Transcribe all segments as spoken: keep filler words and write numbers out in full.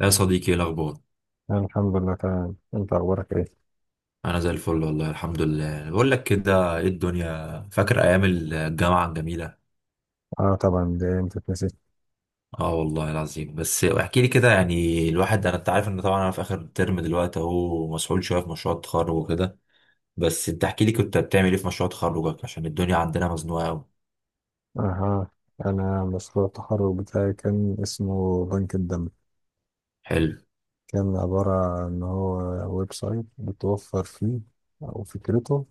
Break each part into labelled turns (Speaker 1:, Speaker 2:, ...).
Speaker 1: يا صديقي، ايه الاخبار؟
Speaker 2: الحمد لله، تمام. انت اخبارك ايه؟
Speaker 1: انا زي الفل والله الحمد لله. بقول لك كده ايه الدنيا، فاكر ايام الجامعه الجميله؟
Speaker 2: اه، طبعا. دي انت تنسيت.
Speaker 1: اه والله العظيم. بس احكي لي كده، يعني الواحد انا انت عارف ان طبعا انا في اخر ترم دلوقتي اهو، مسحول شويه في مشروع التخرج وكده. بس انت احكي لي، كنت بتعمل ايه في مشروع تخرجك؟ عشان الدنيا عندنا مزنوقه قوي.
Speaker 2: اها. انا مشروع التخرج بتاعي كان اسمه بنك الدم.
Speaker 1: حلو.
Speaker 2: كان عبارة عن ان هو ويب سايت بتوفر فيه، او فكرته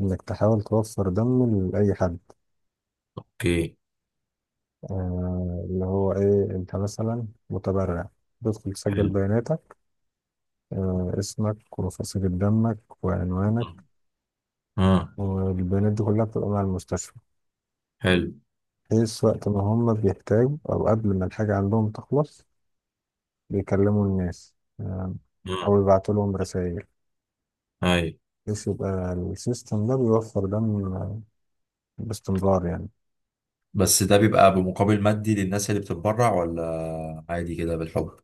Speaker 2: انك تحاول توفر دم لاي حد.
Speaker 1: اوكي.
Speaker 2: آه اللي هو ايه انت مثلا متبرع، تدخل تسجل
Speaker 1: حلو.
Speaker 2: بياناتك. آه اسمك وفصيلة دمك
Speaker 1: اه.
Speaker 2: وعنوانك.
Speaker 1: آه.
Speaker 2: والبيانات دي كلها بتبقى مع المستشفى،
Speaker 1: حلو.
Speaker 2: بحيث وقت ما هم بيحتاجوا أو قبل ما الحاجة عندهم تخلص بيكلموا الناس. آم،
Speaker 1: اه.
Speaker 2: أو يبعتوا لهم رسائل،
Speaker 1: اي.
Speaker 2: بحيث يبقى السيستم ده بيوفر دم باستمرار، يعني.
Speaker 1: بس ده بيبقى بمقابل مادي للناس اللي بتتبرع؟ ولا عادي كده بالحب؟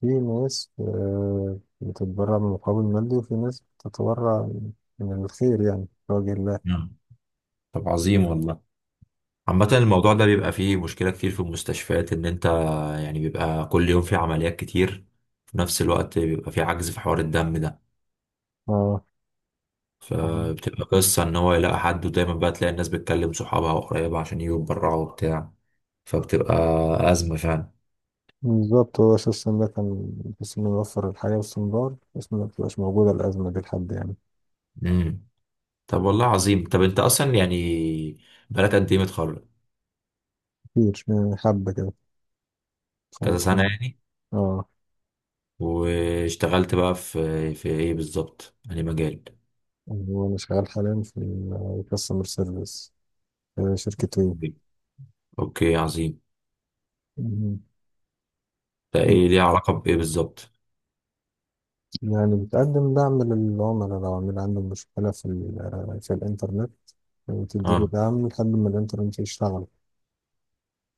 Speaker 2: في ناس آه، بتتبرع بمقابل مادي، وفي ناس بتتبرع من الخير، يعني في وجه الله.
Speaker 1: مم. طب عظيم والله. عامة الموضوع ده بيبقى فيه مشكلة كتير في المستشفيات، إن أنت يعني بيبقى كل يوم في عمليات كتير، في نفس الوقت بيبقى في عجز في حوار الدم ده.
Speaker 2: اه، فاهم.
Speaker 1: فبتبقى قصة إن هو يلاقي حد، ودايما بقى تلاقي الناس بتكلم صحابها وقرايبها عشان يجوا يتبرعوا وبتاع. فبتبقى أزمة فعلا.
Speaker 2: بالظبط، هو السيستم ده كان بس إنه يوفر الحياة باستمرار، بس ما تبقاش موجودة الأزمة دي لحد، يعني.
Speaker 1: امم. طب والله عظيم. طب أنت أصلا يعني بقالك قد إيه متخرج؟
Speaker 2: كتير، آه، حبة كده
Speaker 1: كذا
Speaker 2: خالص.
Speaker 1: سنة يعني.
Speaker 2: اه.
Speaker 1: واشتغلت بقى في في إيه بالظبط؟ يعني مجال.
Speaker 2: وأنا شغال حاليا في كاستمر سيرفيس في شركة وي.
Speaker 1: أوكي عظيم.
Speaker 2: مم.
Speaker 1: ده إيه ليه علاقة بإيه بالظبط؟
Speaker 2: يعني بتقدم دعم للعملاء، لو عميل عنده مشكلة في ال- في الإنترنت، وتديله
Speaker 1: اه.
Speaker 2: دعم لحد ما الإنترنت يشتغل.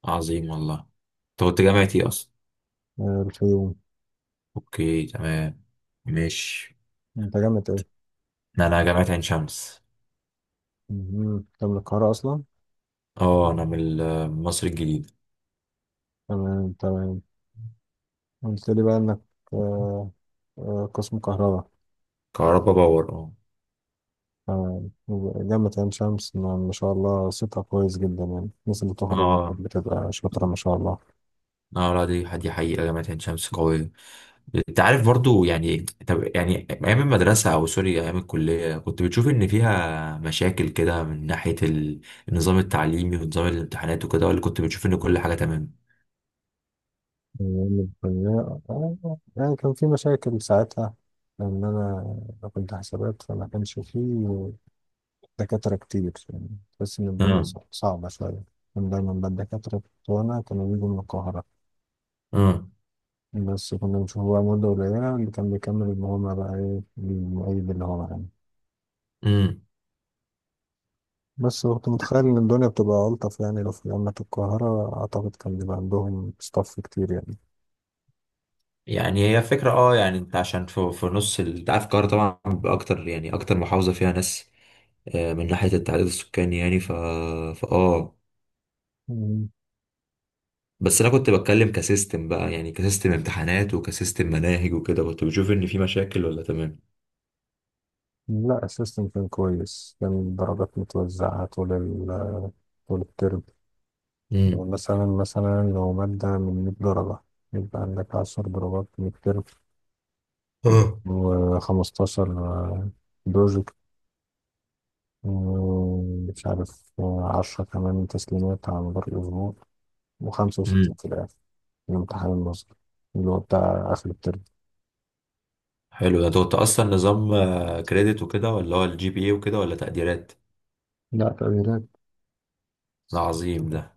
Speaker 1: عظيم والله. انت كنت جامعة ايه اصلا؟
Speaker 2: آه، الخيوم.
Speaker 1: اوكي تمام. ماشي.
Speaker 2: أنت جامد إيه؟
Speaker 1: انا جامعة عين شمس.
Speaker 2: مم. أنت من القاهرة أصلا؟
Speaker 1: اه، انا من ال- من مصر الجديدة.
Speaker 2: تمام، تمام. قلت لي بقى إنك آه، آه، قسم كهرباء.
Speaker 1: كهربا باور، اه.
Speaker 2: تمام. جامعة عين شمس، ما ما شاء الله، صيتها كويس جدا، يعني الناس اللي بتخرج
Speaker 1: اه.
Speaker 2: بتبقى شاطرة ما شاء الله.
Speaker 1: اه لا، دي دي حقيقة جامعة عين شمس قوية. انت عارف برضو يعني. طب يعني ايام المدرسة، او سوري ايام الكلية، كنت بتشوف ان فيها مشاكل كده من ناحية ال- النظام التعليمي ونظام الامتحانات وكده، ولا كنت بتشوف ان كل حاجة تمام؟
Speaker 2: أيام الكلية، آه، يعني كان في مشاكل ساعتها، لأن أنا كنت حسابات فما كانش فيه دكاترة كتير، يعني. تحس إن الدنيا
Speaker 1: اه.
Speaker 2: صع- صعبة شوية. كان دايما بقى الدكاترة بتوعنا كانوا بيجوا من القاهرة،
Speaker 1: اه.
Speaker 2: بس كنا بنشوف بقى مدة قليلة اللي كان بيكمل اللي هما بقى إيه المعيد اللي هو معانا.
Speaker 1: امم.
Speaker 2: بس كنت متخيل إن الدنيا بتبقى ألطف، يعني لو في جامعة القاهرة أعتقد كان بيبقى عندهم ستاف كتير،
Speaker 1: يعني هي فكرة، اه يعني انت عشان في, في نص ال- انت عارف القاهرة طبعا اكتر، يعني اكتر محافظة فيها ناس، آه، من ناحية التعداد السكاني يعني، ف، فا، اه.
Speaker 2: يعني.
Speaker 1: بس انا كنت بتكلم كسيستم بقى، يعني كسيستم امتحانات وكسيستم مناهج وكده، كنت بشوف ان في مشاكل ولا تمام؟
Speaker 2: لا، السيستم كان كويس، كان الدرجات متوزعة طول ال طول الترم.
Speaker 1: امم.
Speaker 2: مثلا مثلا لو مادة من مية درجة، يبقى عندك عشرة درجات من الترم،
Speaker 1: اه.
Speaker 2: و15 بروجكت، ومش عارف، عشر كمان تسليمات على مدار الأسبوع، و65
Speaker 1: امم.
Speaker 2: في الآخر، الامتحان النظري اللي هو بتاع آخر الترم.
Speaker 1: حلو ده. انت كنت اصلا نظام كريدت وكده، ولا هو الجي بي اي وكده، ولا تقديرات؟
Speaker 2: لا، تغييرات.
Speaker 1: ده عظيم ده.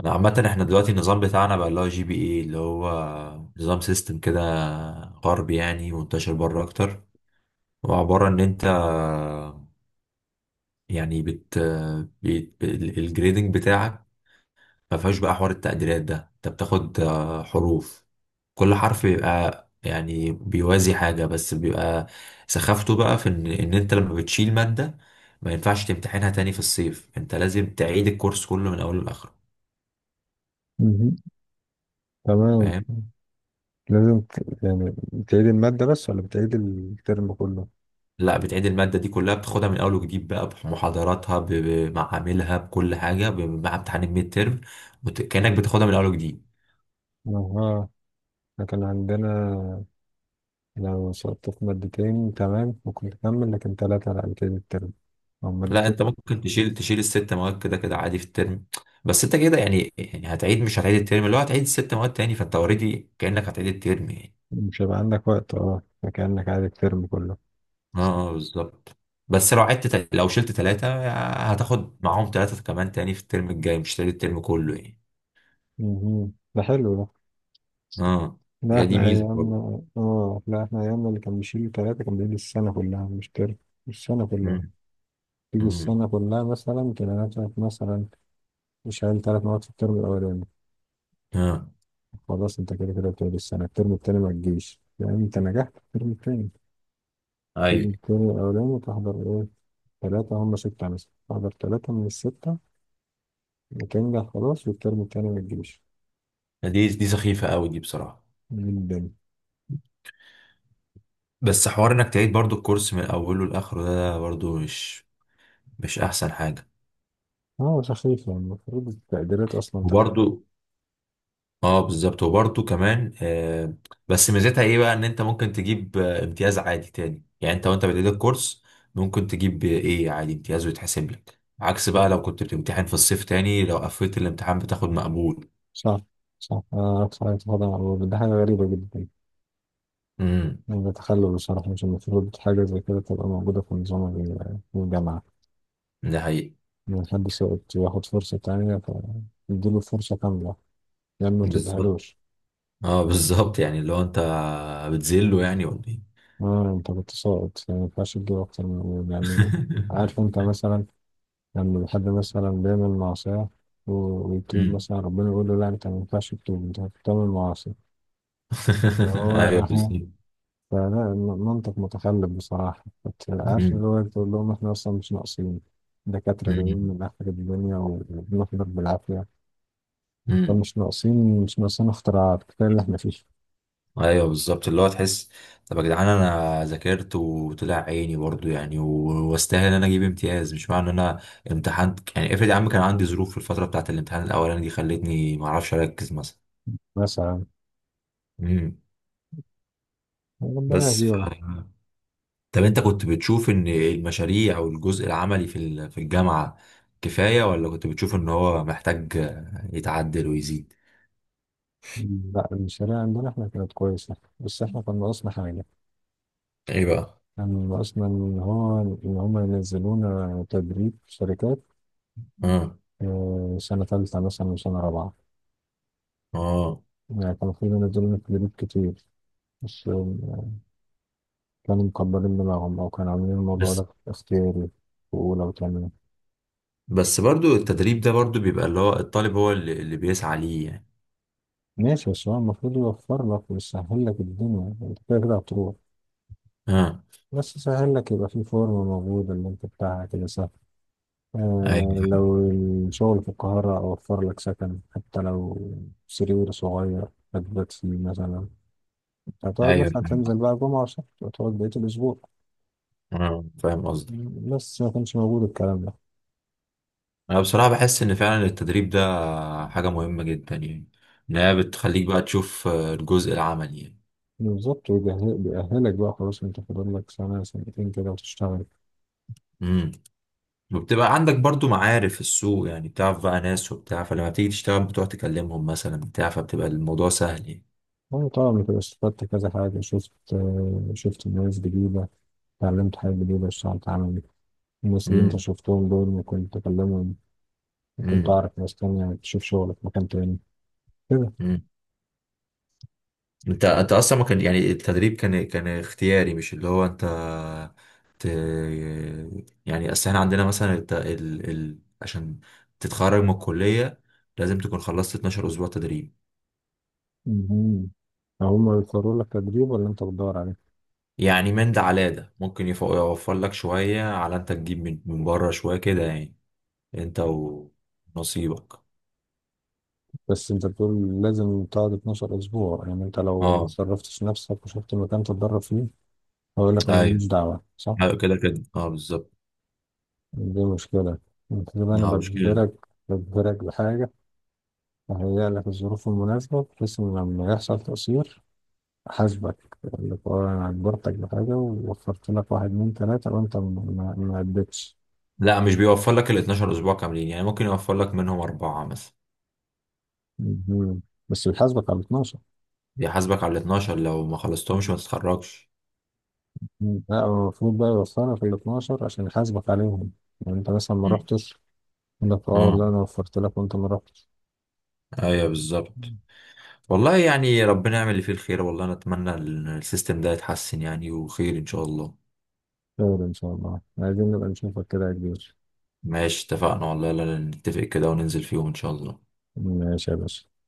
Speaker 1: انا عامة احنا دلوقتي النظام بتاعنا بقى اللي هو جي بي اي، اللي هو نظام سيستم كده غربي، يعني منتشر بره اكتر، وعبارة ان انت يعني بت, بت... الجريدنج بتاعك ما فيهاش بقى حوار التقديرات ده، انت بتاخد آه، حروف. كل حرف بيبقى يعني بيوازي حاجة، بس بيبقى سخافته بقى في ان, إن انت لما بتشيل مادة ما ينفعش تمتحنها تاني في الصيف، انت لازم تعيد الكورس كله من اوله لاخره.
Speaker 2: مهم. تمام.
Speaker 1: فاهم؟
Speaker 2: لازم ت- يعني بتعيد المادة بس ولا بتعيد الترم كله؟
Speaker 1: لا، بتعيد المادة دي كلها، بتاخدها من أول وجديد بقى بمحاضراتها، ب- بمعاملها، بكل حاجة، ب- مع امتحان الميد ترم، وت- كأنك بتاخدها من أول وجديد.
Speaker 2: اها. إحنا كان عندنا، لو سقطت في مادتين تمام ممكن تكمل، لكن ثلاثة على كده الترم أو
Speaker 1: لا
Speaker 2: مادتين
Speaker 1: أنت ممكن تشيل، تشيل الست مواد كده كده عادي في الترم، بس أنت كده يعني يعني هتعيد، مش هتعيد الترم، اللي هو هتعيد الست مواد تاني، فأنت أوريدي كأنك هتعيد الترم يعني.
Speaker 2: مش هيبقى عندك وقت، اه، فكأنك عادي الترم كله.
Speaker 1: اه. آه، بالظبط. بس لو عدت تل- لو شلت ثلاثة هتاخد معاهم ثلاثة كمان تاني في الترم الجاي، مش هتعيد الترم كله يعني.
Speaker 2: مهم. ده حلو ده.
Speaker 1: اه.
Speaker 2: لا
Speaker 1: هي دي
Speaker 2: احنا
Speaker 1: ميزة برضه.
Speaker 2: ايامنا اه لا احنا ايامنا اللي كان بيشيل ثلاثة كان بيشيل السنة كلها مش ترم. السنة كلها.
Speaker 1: مم،
Speaker 2: تيجي
Speaker 1: مم،
Speaker 2: السنة كلها مثلا، تلاقي نفسك مثلا شايل ثلاث مواد في الترم الأولاني،
Speaker 1: اه.
Speaker 2: خلاص انت كده كده بتقعد السنة، الترم التاني ما تجيش، يعني انت نجحت في الترم التاني. تيجي
Speaker 1: ايوه،
Speaker 2: التاني الأولاني وتحضر، إيه، تلاتة هم ستة مثلا، تحضر تلاتة من الستة وتنجح. خلاص، والترم التاني ما تجيش.
Speaker 1: دي دي سخيفة قوي دي بصراحة.
Speaker 2: من الدنيا.
Speaker 1: بس حوار انك تعيد برضو الكورس من اوله لاخره، ده ده برضو مش مش احسن حاجة.
Speaker 2: اه، سخيف، يعني المفروض التقديرات أصلا تحت.
Speaker 1: وبرضو اه بالظبط، وبرضو كمان آه، بس ميزتها ايه بقى، ان انت ممكن تجيب آه، امتياز عادي تاني، يعني انت وانت بتعيد الكورس ممكن تجيب ايه عادي امتياز ويتحسب لك، عكس بقى لو كنت بتمتحن في الصيف تاني، لو قفلت الامتحان بتاخد مقبول.
Speaker 2: صح، صح، آه، صحيح، طبعا هو ده حاجة غريبة جدا.
Speaker 1: امم.
Speaker 2: يعني بتخلل بصراحة، مش المفروض حاجة زي كده تبقى موجودة في نظام ال- الجامعة.
Speaker 1: ده حقيقي.
Speaker 2: إن حد سقط ياخد فرصة تانية فيديله فرصة كاملة، يعني ما
Speaker 1: بالظبط.
Speaker 2: تديهالوش.
Speaker 1: اه بالظبط، يعني لو انت بتذله يعني ولا ايه؟
Speaker 2: اه، انت كنت ساقط يعني ما ينفعش تجيب أكتر من، يعني. عارف انت مثلا لما بحد مثلا بيعمل معصية و- ويتوب،
Speaker 1: مم.
Speaker 2: مثلا ربنا يقول له: لا، أنت ما ينفعش تتوب، أنت بتعمل معاصي. فهو
Speaker 1: ايوه
Speaker 2: أهو.
Speaker 1: بالظبط.
Speaker 2: فلا، الم- منطق متخلف بصراحة، بت- عارف
Speaker 1: مم.
Speaker 2: اللي هو تقول لهم: إحنا أصلا مش ناقصين دكاترة جايين
Speaker 1: مم.
Speaker 2: من آخر الدنيا و- وبنحضر بالعافية.
Speaker 1: مم.
Speaker 2: فمش ناقصين، مش ناقصين اختراعات، كفاية اللي إحنا فيه.
Speaker 1: ايوه بالظبط، اللي هو تحس. طب يا جدعان، انا ذاكرت وطلع عيني برضو يعني، و- واستاهل ان انا اجيب امتياز، مش معنى ان انا امتحنت يعني، افرض يا عم كان عندي ظروف في الفتره بتاعت الامتحان الاولاني دي خلتني ما اعرفش اركز مثلا.
Speaker 2: مثلا،
Speaker 1: مم.
Speaker 2: ربنا
Speaker 1: بس ف...
Speaker 2: يهديهم.
Speaker 1: طب انت كنت بتشوف ان المشاريع او الجزء العملي في ال- في الجامعه كفايه، ولا كنت بتشوف ان هو محتاج يتعدل ويزيد؟
Speaker 2: لا، الشريعة عندنا إحنا كانت كويسة، بس إحنا كان ناقصنا حاجة.
Speaker 1: ايه بقى.
Speaker 2: كان ناقصنا إن هو إن هما ينزلونا تدريب في شركات،
Speaker 1: اه.
Speaker 2: آه، سنة تالتة مثلا وسنة رابعة.
Speaker 1: اه.
Speaker 2: يعني كانوا في منزلين في جروب كتير، بس، آه، كانوا مكبرين دماغهم أو كانوا عاملين الموضوع ده اختياري في أولى وتانية.
Speaker 1: بس برضو التدريب ده برضو بيبقى اللي هو الطالب هو اللي, اللي بيسعى ليه يعني.
Speaker 2: ماشي، بس هو المفروض يوفر لك ويسهل لك الدنيا، أنت كده كده هتروح،
Speaker 1: اه.
Speaker 2: بس يسهل لك، يبقى في فورم موجود اللي أنت بتاعها كده سهل.
Speaker 1: ايوه
Speaker 2: آه
Speaker 1: فاهم.
Speaker 2: لو الشغل في القاهرة أوفر لك سكن، حتى لو سرير صغير هتبات فيه مثلا، هتقعد
Speaker 1: ايوه
Speaker 2: مثلا
Speaker 1: فاهم
Speaker 2: تنزل
Speaker 1: قصدك.
Speaker 2: بقى جمعة وسبت وتقعد بقية الأسبوع.
Speaker 1: اه فاهم قصدي.
Speaker 2: بس ما كانش موجود الكلام ده.
Speaker 1: انا بصراحة بحس ان فعلا التدريب ده حاجة مهمة جدا يعني، ان هي بتخليك بقى تشوف آه، الجزء العملي يعني.
Speaker 2: بالظبط، ويجهز- بيأهلك بقى، خلاص انت فاضل لك سنة سنتين كده وتشتغل.
Speaker 1: امم. وبتبقى عندك برضو معارف في السوق يعني، بتعرف بقى ناس وبتاع، فلما تيجي تشتغل بتقعد تكلمهم مثلا بتاع فبتبقى الموضوع سهل يعني.
Speaker 2: وانا طبعا كده استفدت كذا حاجة، شفت آه، شفت ناس جديدة، اتعلمت حاجة جديدة، اشتغلت عملي. الناس اللي انت
Speaker 1: امم.
Speaker 2: شفتهم دول ممكن تكلمهم، ممكن تعرف ناس تانية تشوف شغلك في مكان تاني، كده.
Speaker 1: امم. انت انت اصلا ما كان يعني التدريب كان كان اختياري، مش اللي هو انت ت... يعني اصل احنا عندنا مثلا الت... ال... ال... عشان تتخرج من الكلية لازم تكون خلصت 12 اسبوع تدريب.
Speaker 2: مهم. هما بيقرروا لك تدريب ولا انت بتدور عليه؟
Speaker 1: يعني من ده على ده ممكن يف- يوفر لك شوية، على انت تجيب من من بره شوية كده يعني، انت ونصيبك.
Speaker 2: بس انت بتقول لازم تقعد اثنا عشر اسبوع، يعني انت لو
Speaker 1: اه.
Speaker 2: متصرفتش نفسك وشفت مكان تتدرب فيه، هقول لك انا
Speaker 1: ايوه.
Speaker 2: ماليش دعوة، صح؟
Speaker 1: ايوه كده كده، اه بالظبط.
Speaker 2: دي مشكلة. انت كده، انا
Speaker 1: اه مش كده.
Speaker 2: بجبرك بجبرك بحاجة، اهيئ لك الظروف المناسبة بحيث ان لما يحصل تقصير احاسبك. اقول لك: اه انا اجبرتك بحاجة ووفرت لك واحد اتنين تلاتة، وانت ما ما- ما اديتش.
Speaker 1: لا مش بيوفر لك ال اثنا عشر اسبوع كاملين يعني، ممكن يوفر لك منهم اربعة مثلا.
Speaker 2: مهم. بس بيحاسبك على اتناشر.
Speaker 1: بيحاسبك على ال اتناشر، لو ما خلصتهمش ما تتخرجش.
Speaker 2: مم. لا هو المفروض بقى يوفرك ال الاثنا عشر عشان يحاسبك عليهم، يعني انت مثلا ما
Speaker 1: مم.
Speaker 2: رحتش، يقول لك: اه
Speaker 1: اه
Speaker 2: والله انا وفرت لك وانت ما رحتش.
Speaker 1: ايوه بالظبط.
Speaker 2: مم.
Speaker 1: والله يعني ربنا يعمل اللي فيه الخير. والله انا اتمنى ال- السيستم ده يتحسن يعني، وخير ان شاء الله.
Speaker 2: خير ان شاء الله، عايزين نبقى نشوفك كده يا كبير.
Speaker 1: ماشي اتفقنا والله، لا لا، نتفق كده وننزل فيهم ان شاء الله.
Speaker 2: ماشي يا باشا.